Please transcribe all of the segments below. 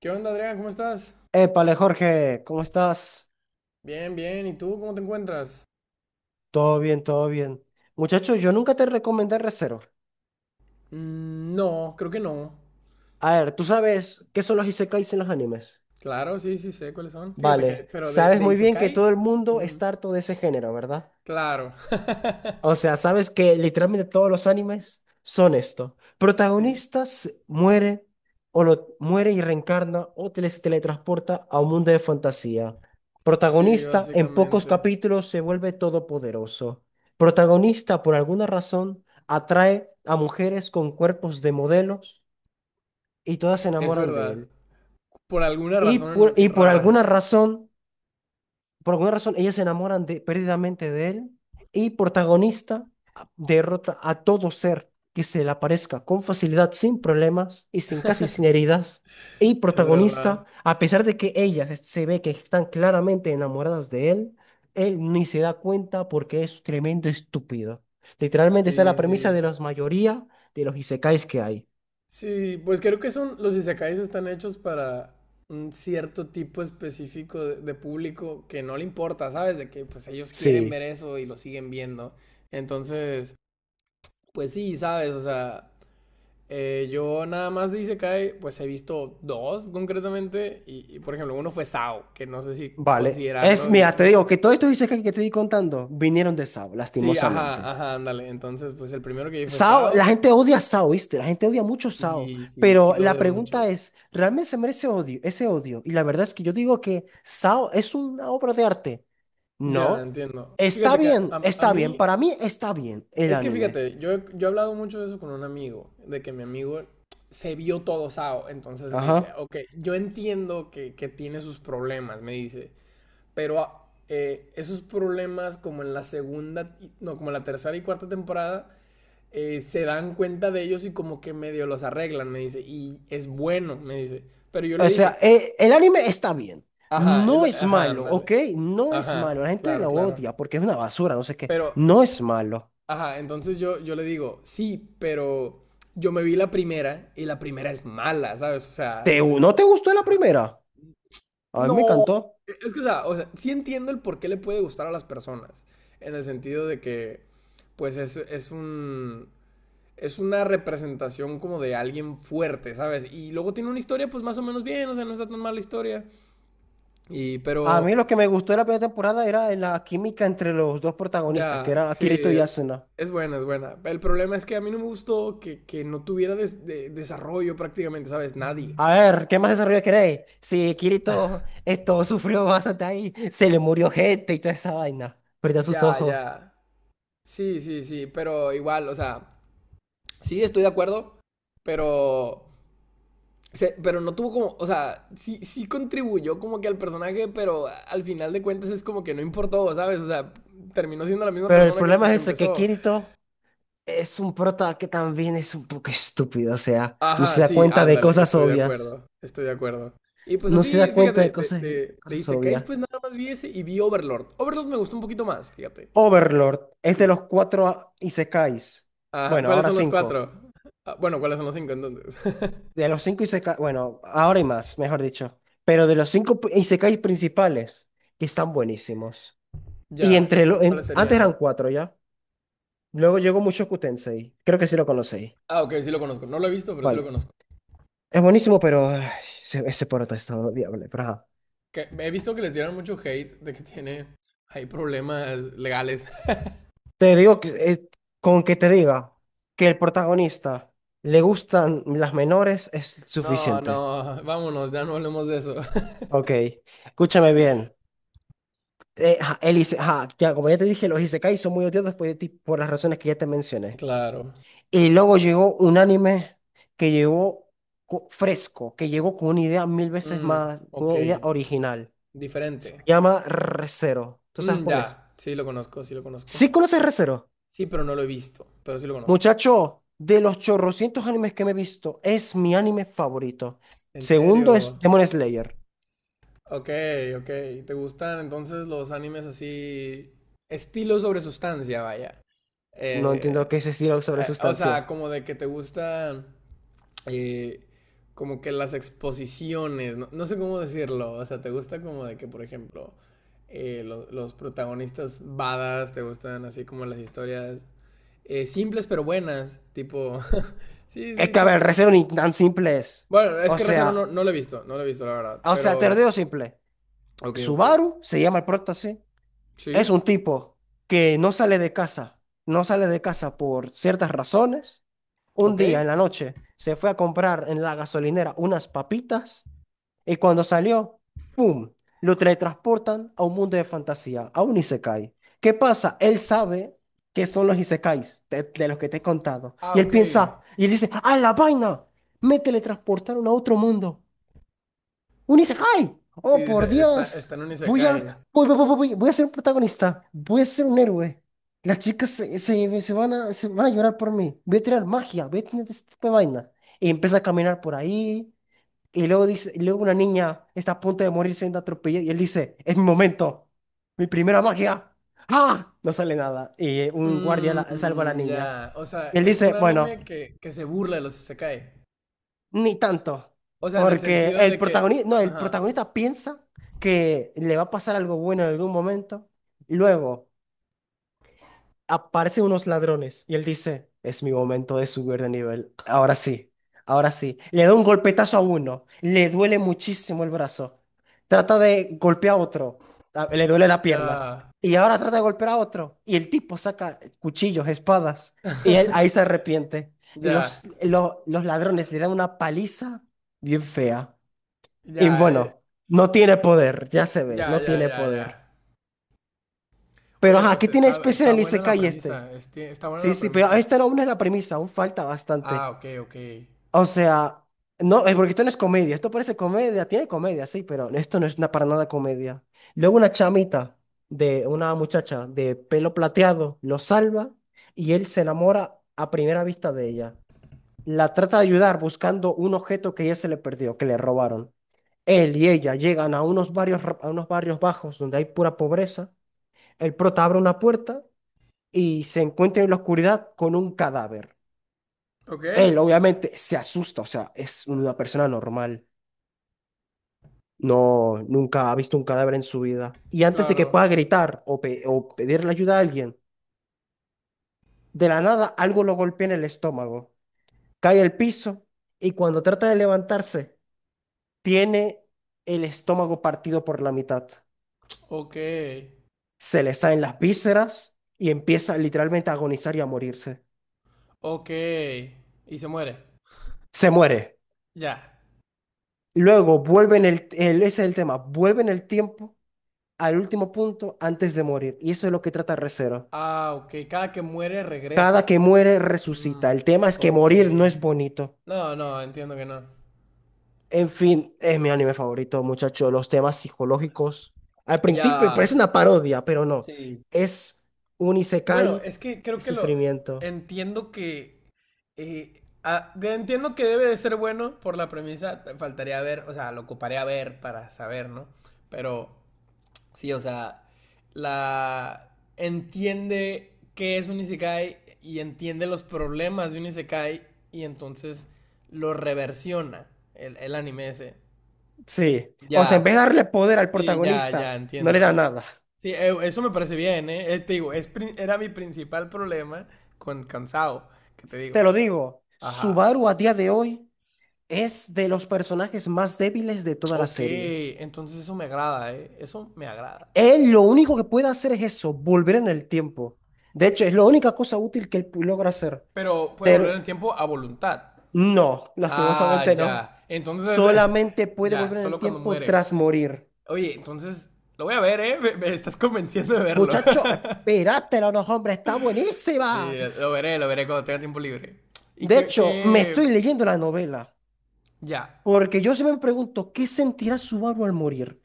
¿Qué onda, Adrián? ¿Cómo estás? Épale, Jorge, ¿cómo estás? Bien, bien. ¿Y tú cómo te encuentras? Todo bien, todo bien. Muchacho, yo nunca te recomendé Re:Zero. Mm, no, creo que no. A ver, ¿tú sabes qué son los isekais en los animes? Claro, sí, sí sé cuáles son. Fíjate que, Vale, pero de, sabes de muy bien que Isekai, todo el mundo mm, está harto de ese género, ¿verdad? claro. O sea, sabes que literalmente todos los animes son esto. Sí, Protagonistas muere o lo muere y reencarna o se teletransporta a un mundo de fantasía. sí, Protagonista en pocos básicamente. capítulos se vuelve todopoderoso. Protagonista por alguna razón atrae a mujeres con cuerpos de modelos y todas se Es enamoran de verdad. él. Por alguna Y por, razón y por rara. alguna razón por alguna razón, ellas se enamoran de, perdidamente de él y protagonista derrota a todo ser que se le aparezca con facilidad, sin problemas y sin casi sin heridas. Y Es verdad. protagonista, a pesar de que se ve que están claramente enamoradas de él, él ni se da cuenta porque es tremendo estúpido. Literalmente esa es la Sí, premisa sí. de la mayoría de los isekais que hay. Sí, pues creo que son, los Isekais están hechos para un cierto tipo específico de público que no le importa, ¿sabes? De que pues ellos quieren Sí, ver eso y lo siguen viendo. Entonces, pues sí, sabes, o sea, yo nada más de Isekai, pues he visto dos concretamente, y, por ejemplo, uno fue Sao, que no sé si vale. Es, considerarlo. Mira, te digo que todos estos isekais que te estoy contando vinieron de Sao, Sí, ajá, lastimosamente. ajá, ándale. Entonces, pues el primero que vi fue Sao, Sao, la gente odia a Sao, ¿viste? La gente odia mucho a Sao. sí, sí, sí Pero lo la de pregunta mucho. es, ¿realmente se merece odio, ese odio? Y la verdad es que yo digo que Sao es una obra de arte. Ya, No. entiendo. Está Fíjate que a, bien, a está bien. mí, Para mí está bien el es que anime. fíjate, yo, yo he hablado mucho de eso con un amigo, de que mi amigo se vio todo Sao, entonces dice, Ajá. ok, yo entiendo que tiene sus problemas, me dice. Pero esos problemas como en la segunda, no, como en la tercera y cuarta temporada, se dan cuenta de ellos y como que medio los arreglan, me dice. Y es bueno, me dice. Pero yo le O sea, dije, el anime está bien. ajá, No es ajá, malo, ándale. ¿ok? No es malo. La Ajá, gente claro, lo claro. odia porque es una basura, no sé qué. Pero, No es malo. ajá, entonces yo le digo, sí, pero yo me vi la primera y la primera es mala, ¿sabes? O ¿Te, sea, no te gustó la primera? A mí me no, encantó. Es que, o sea, sí entiendo el por qué le puede gustar a las personas, en el sentido de que, pues es un, es una representación como de alguien fuerte, ¿sabes? Y luego tiene una historia, pues más o menos bien, o sea, no está tan mala historia. Y, A pero, mí lo que me gustó de la primera temporada era la química entre los dos protagonistas, que ya, era sí, Kirito y Asuna. es buena, es buena. El problema es que a mí no me gustó que no tuviera desarrollo prácticamente, ¿sabes? Nadie. A ver, ¿qué más desarrollo queréis? Si Kirito esto sufrió bastante ahí, se le murió gente y toda esa vaina, perdió sus Ya, ojos. ya. Sí, sí, sí, pero igual, o sea, sí, estoy de acuerdo, pero... Pero no tuvo como, o sea, sí, sí contribuyó como que al personaje, pero al final de cuentas es como que no importó, ¿sabes? O sea, terminó siendo la misma Pero el persona problema que es ese, que empezó. Kirito es un prota que también es un poco estúpido, o sea, no se Ajá, da sí, cuenta de ándale, cosas estoy de obvias, acuerdo, estoy de acuerdo. Y pues no se así, da cuenta fíjate, de de, cosas, de, de cosas Isekais obvias. pues nada más vi ese y vi Overlord. Overlord me gustó un poquito más, fíjate. Overlord es de los Sí. Isekais, Ajá, bueno, ¿cuáles ahora son los cinco. cuatro? Ah, bueno, ¿cuáles son los cinco entonces? De los cinco Isekai, bueno, ahora hay más, mejor dicho. Pero de los Isekais principales, que están buenísimos. Y Ya, ¿y entre cu- cuáles antes serían? eran cuatro ya. Luego llegó Mushoku Tensei. Creo que sí lo conocéis. Ah, ok, sí lo conozco. No lo he visto, pero sí lo Vale. conozco. Es buenísimo, pero ay, ese prota está odiable. Pero ajá. Que he visto que les dieron mucho hate de que tiene. Hay problemas legales. Te digo que, con que te diga que el protagonista le gustan las menores es No, suficiente. no, vámonos, ya no hablemos de eso. Ok. Escúchame bien. Ajá, ya, como ya te dije, los Isekais son muy odiados por las razones que ya te mencioné. Claro. Y luego llegó un anime que llegó fresco, que llegó con una idea mil veces Mm, más, con ok, una idea original. Se diferente. llama Re:Zero. ¿Tú sabes Mm, cuál es? ya, sí lo conozco, sí lo conozco. ¿Sí conoces Re:Zero? Sí, pero no lo he visto, pero sí lo conozco. Muchacho, de los chorrocientos animes que me he visto, es mi anime favorito. En Segundo es serio. Demon Slayer. Ok, ok. ¿Te gustan entonces los animes así? Estilo sobre sustancia, vaya. No entiendo Eh, qué es ese diálogo sobre o sea, sustancia. como de que te gustan eh, como que las exposiciones, no, no sé cómo decirlo, o sea, ¿te gusta como de que, por ejemplo, los protagonistas badas, te gustan así como las historias simples pero buenas, tipo, sí, Es sí, que, a ver, tipo... Re:Zero ni tan simple es. Bueno, es O que Recero no, sea, no lo he visto, no lo he visto, la verdad, o sea, te lo pero... digo simple. Ok, ok. Subaru se llama el prota, sí. Es Sí, un tipo que no sale de casa, no sale de casa por ciertas razones. Un ok. día en la noche se fue a comprar en la gasolinera unas papitas y cuando salió, ¡pum! Lo teletransportan a un mundo de fantasía, a un isekai. ¿Qué pasa? Él sabe que son los isekais de los que te he contado. Ah, Y él ok. piensa, y él dice, ¡ah, la vaina! Me teletransportaron a otro mundo. Un Isekai. Sí, Oh, por dice, está, está Dios. en un Voy a, isekai. Voy a ser un protagonista. Voy a ser un héroe. Las chicas se van a llorar por mí. Voy a tirar magia. Voy a tener este tipo de vaina. Y empieza a caminar por ahí. Y luego dice, y luego una niña está a punto de morir siendo atropellada. Y él dice, es mi momento. Mi primera magia. ¡Ah! No sale nada. Y un guardia salva a la Mmm, niña. ya. O Y sea, él es dice, un bueno. anime que se burla de los isekai. Ni tanto, O sea, en el porque sentido el de que, protagonista, no, el ajá, protagonista piensa que le va a pasar algo bueno en algún momento, y luego aparecen unos ladrones y él dice, es mi momento de subir de nivel. Ahora sí, ahora sí. Le da un golpetazo a uno, le duele muchísimo el brazo. Trata de golpear a otro, ah, le duele la pierna. ya, Y ahora trata de golpear a otro. Y el tipo saca cuchillos, espadas. Y él ahí se arrepiente. Los, ya, lo- los ladrones le dan una paliza bien fea. Y ya, bueno, no tiene poder, ya se ve, ya, no ya, tiene ya, ya. poder. Pero Oye, ajá, pues ¿qué tiene está, especial está el buena la Isekai este? premisa, está buena Sí, la sí, pero premisa. esta aún es la premisa, aún falta Ah, bastante. ok, ok. O sea, no, porque esto no es comedia, esto parece comedia, tiene comedia, sí, pero esto no es una, para nada comedia. Luego una muchacha de pelo plateado lo salva y él se enamora a primera vista de ella. La trata de ayudar buscando un objeto que ella se le perdió, que le robaron. Él y ella llegan a a unos barrios bajos donde hay pura pobreza. El prota abre una puerta y se encuentra en la oscuridad con un cadáver. Ok, Él obviamente se asusta, o sea, es una persona normal. No, nunca ha visto un cadáver en su vida. Y antes de que claro, pueda gritar o pedirle ayuda a alguien, de la nada algo lo golpea en el estómago. Cae al piso y cuando trata de levantarse, tiene el estómago partido por la mitad. ok, Se le salen las vísceras y empieza literalmente a agonizar y a morirse. ok. Y se muere, Se muere. ya. Luego vuelve en ese es el tema, vuelve en el tiempo al último punto antes de morir. Y eso es lo que trata Recero. Ah, ok, cada que muere Cada regresa. que muere, Mm, resucita. El tema es que ok. morir no es bonito. No, no, entiendo que no. En fin, es mi anime favorito, muchacho. Los temas psicológicos. Al principio parece Ya, una parodia, pero no. sí. Es un Bueno, isekai, es que creo es que lo sufrimiento. entiendo que entiendo que debe de ser bueno por la premisa, faltaría ver, o sea, lo ocuparé a ver para saber, ¿no? Pero sí, o sea, la entiende qué es un isekai y entiende los problemas de un isekai y entonces lo reversiona el anime ese. Sí. O sea, en vez de Ya, darle poder al sí, ya, ya protagonista, no le da entiendo. nada. Sí, eso me parece bien, ¿eh? Te digo, era mi principal problema con cansado, que te digo. Te lo digo, Ajá. Subaru a día de hoy es de los personajes más débiles de toda la Ok, serie. entonces eso me agrada, ¿eh? Eso me agrada. Él lo único que puede hacer es eso, volver en el tiempo. De hecho, es la única cosa útil que él logra hacer. Pero puede volver Pero el tiempo a voluntad. no, Ah, lastimosamente no. ya. Entonces, Solamente puede ya, volver en el solo cuando tiempo muere. tras morir. Oye, entonces, lo voy a ver, ¿eh? Me estás convenciendo de verlo. Muchacho, espérátela, no, no, hombre, está buenísima. Sí, lo veré cuando tenga tiempo libre. Y De hecho, me que... estoy leyendo la novela. Ya, Porque yo siempre me pregunto, ¿qué sentirá Subaru al morir?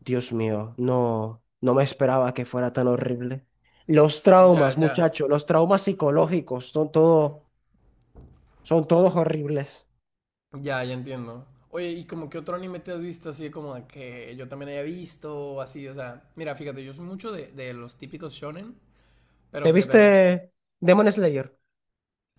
Dios mío, no me esperaba que fuera tan horrible. Los ya, traumas, ya. muchacho, los traumas psicológicos, son todo. Son todos horribles. Ya, ya entiendo. Oye, ¿y como que otro anime te has visto así como de que yo también haya visto o así? O sea, mira, fíjate, yo soy mucho de los típicos shonen, pero ¿Te fíjate, viste Demon Slayer?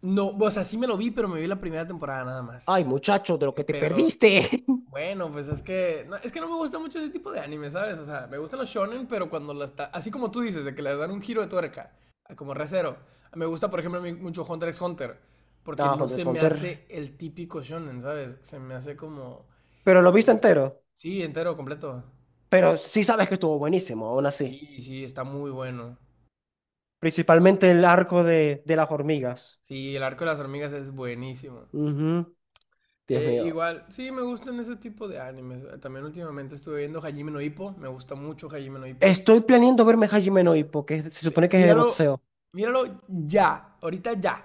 no, o sea, sí me lo vi, pero me vi la primera temporada nada Ay, más. muchacho, de lo que te Pero perdiste. bueno, pues es que no me gusta mucho ese tipo de anime, ¿sabes? O sea, me gustan los shonen, pero cuando así como tú dices, de que le dan un giro de tuerca, a como recero. Me gusta, por ejemplo, a mí mucho Hunter x Hunter, porque Ah, no Hunter se x me Hunter. hace el típico shonen, ¿sabes? Se me hace como Pero lo viste sí, entero. sí, entero, completo. Pero sí sabes que estuvo buenísimo, aún así. Sí, sí, está muy bueno. Principalmente el arco de las hormigas. Sí, el arco de las hormigas es buenísimo. Ujú. Dios mío. Igual, sí, me gustan ese tipo de animes. También últimamente estuve viendo Hajime no Ippo. Me gusta mucho Hajime no Ippo. Estoy planeando verme Hajime no Ippo, que se supone que es de Míralo, boxeo. míralo ya, ahorita ya.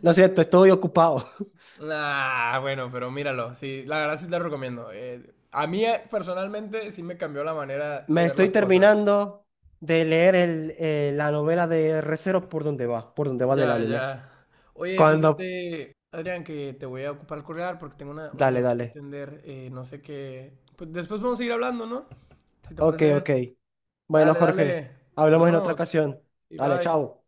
Lo siento, estoy ocupado. Ah, bueno, pero míralo. Sí, la verdad sí te lo recomiendo. A mí personalmente sí me cambió la manera de Me ver estoy las cosas. terminando de leer la novela de Re:Zero por donde va del Ya, anime. ya. Oye, Cuando... fíjate, Adrián, que te voy a ocupar el correal porque tengo una Dale, llamada que dale. atender. Eh, no sé qué. Pues después vamos a seguir hablando, ¿no? Si te Ok, parece bien. ok. Bueno, Dale, Jorge, dale. Nos hablamos en otra vemos. ocasión. Y Dale, bye. chao.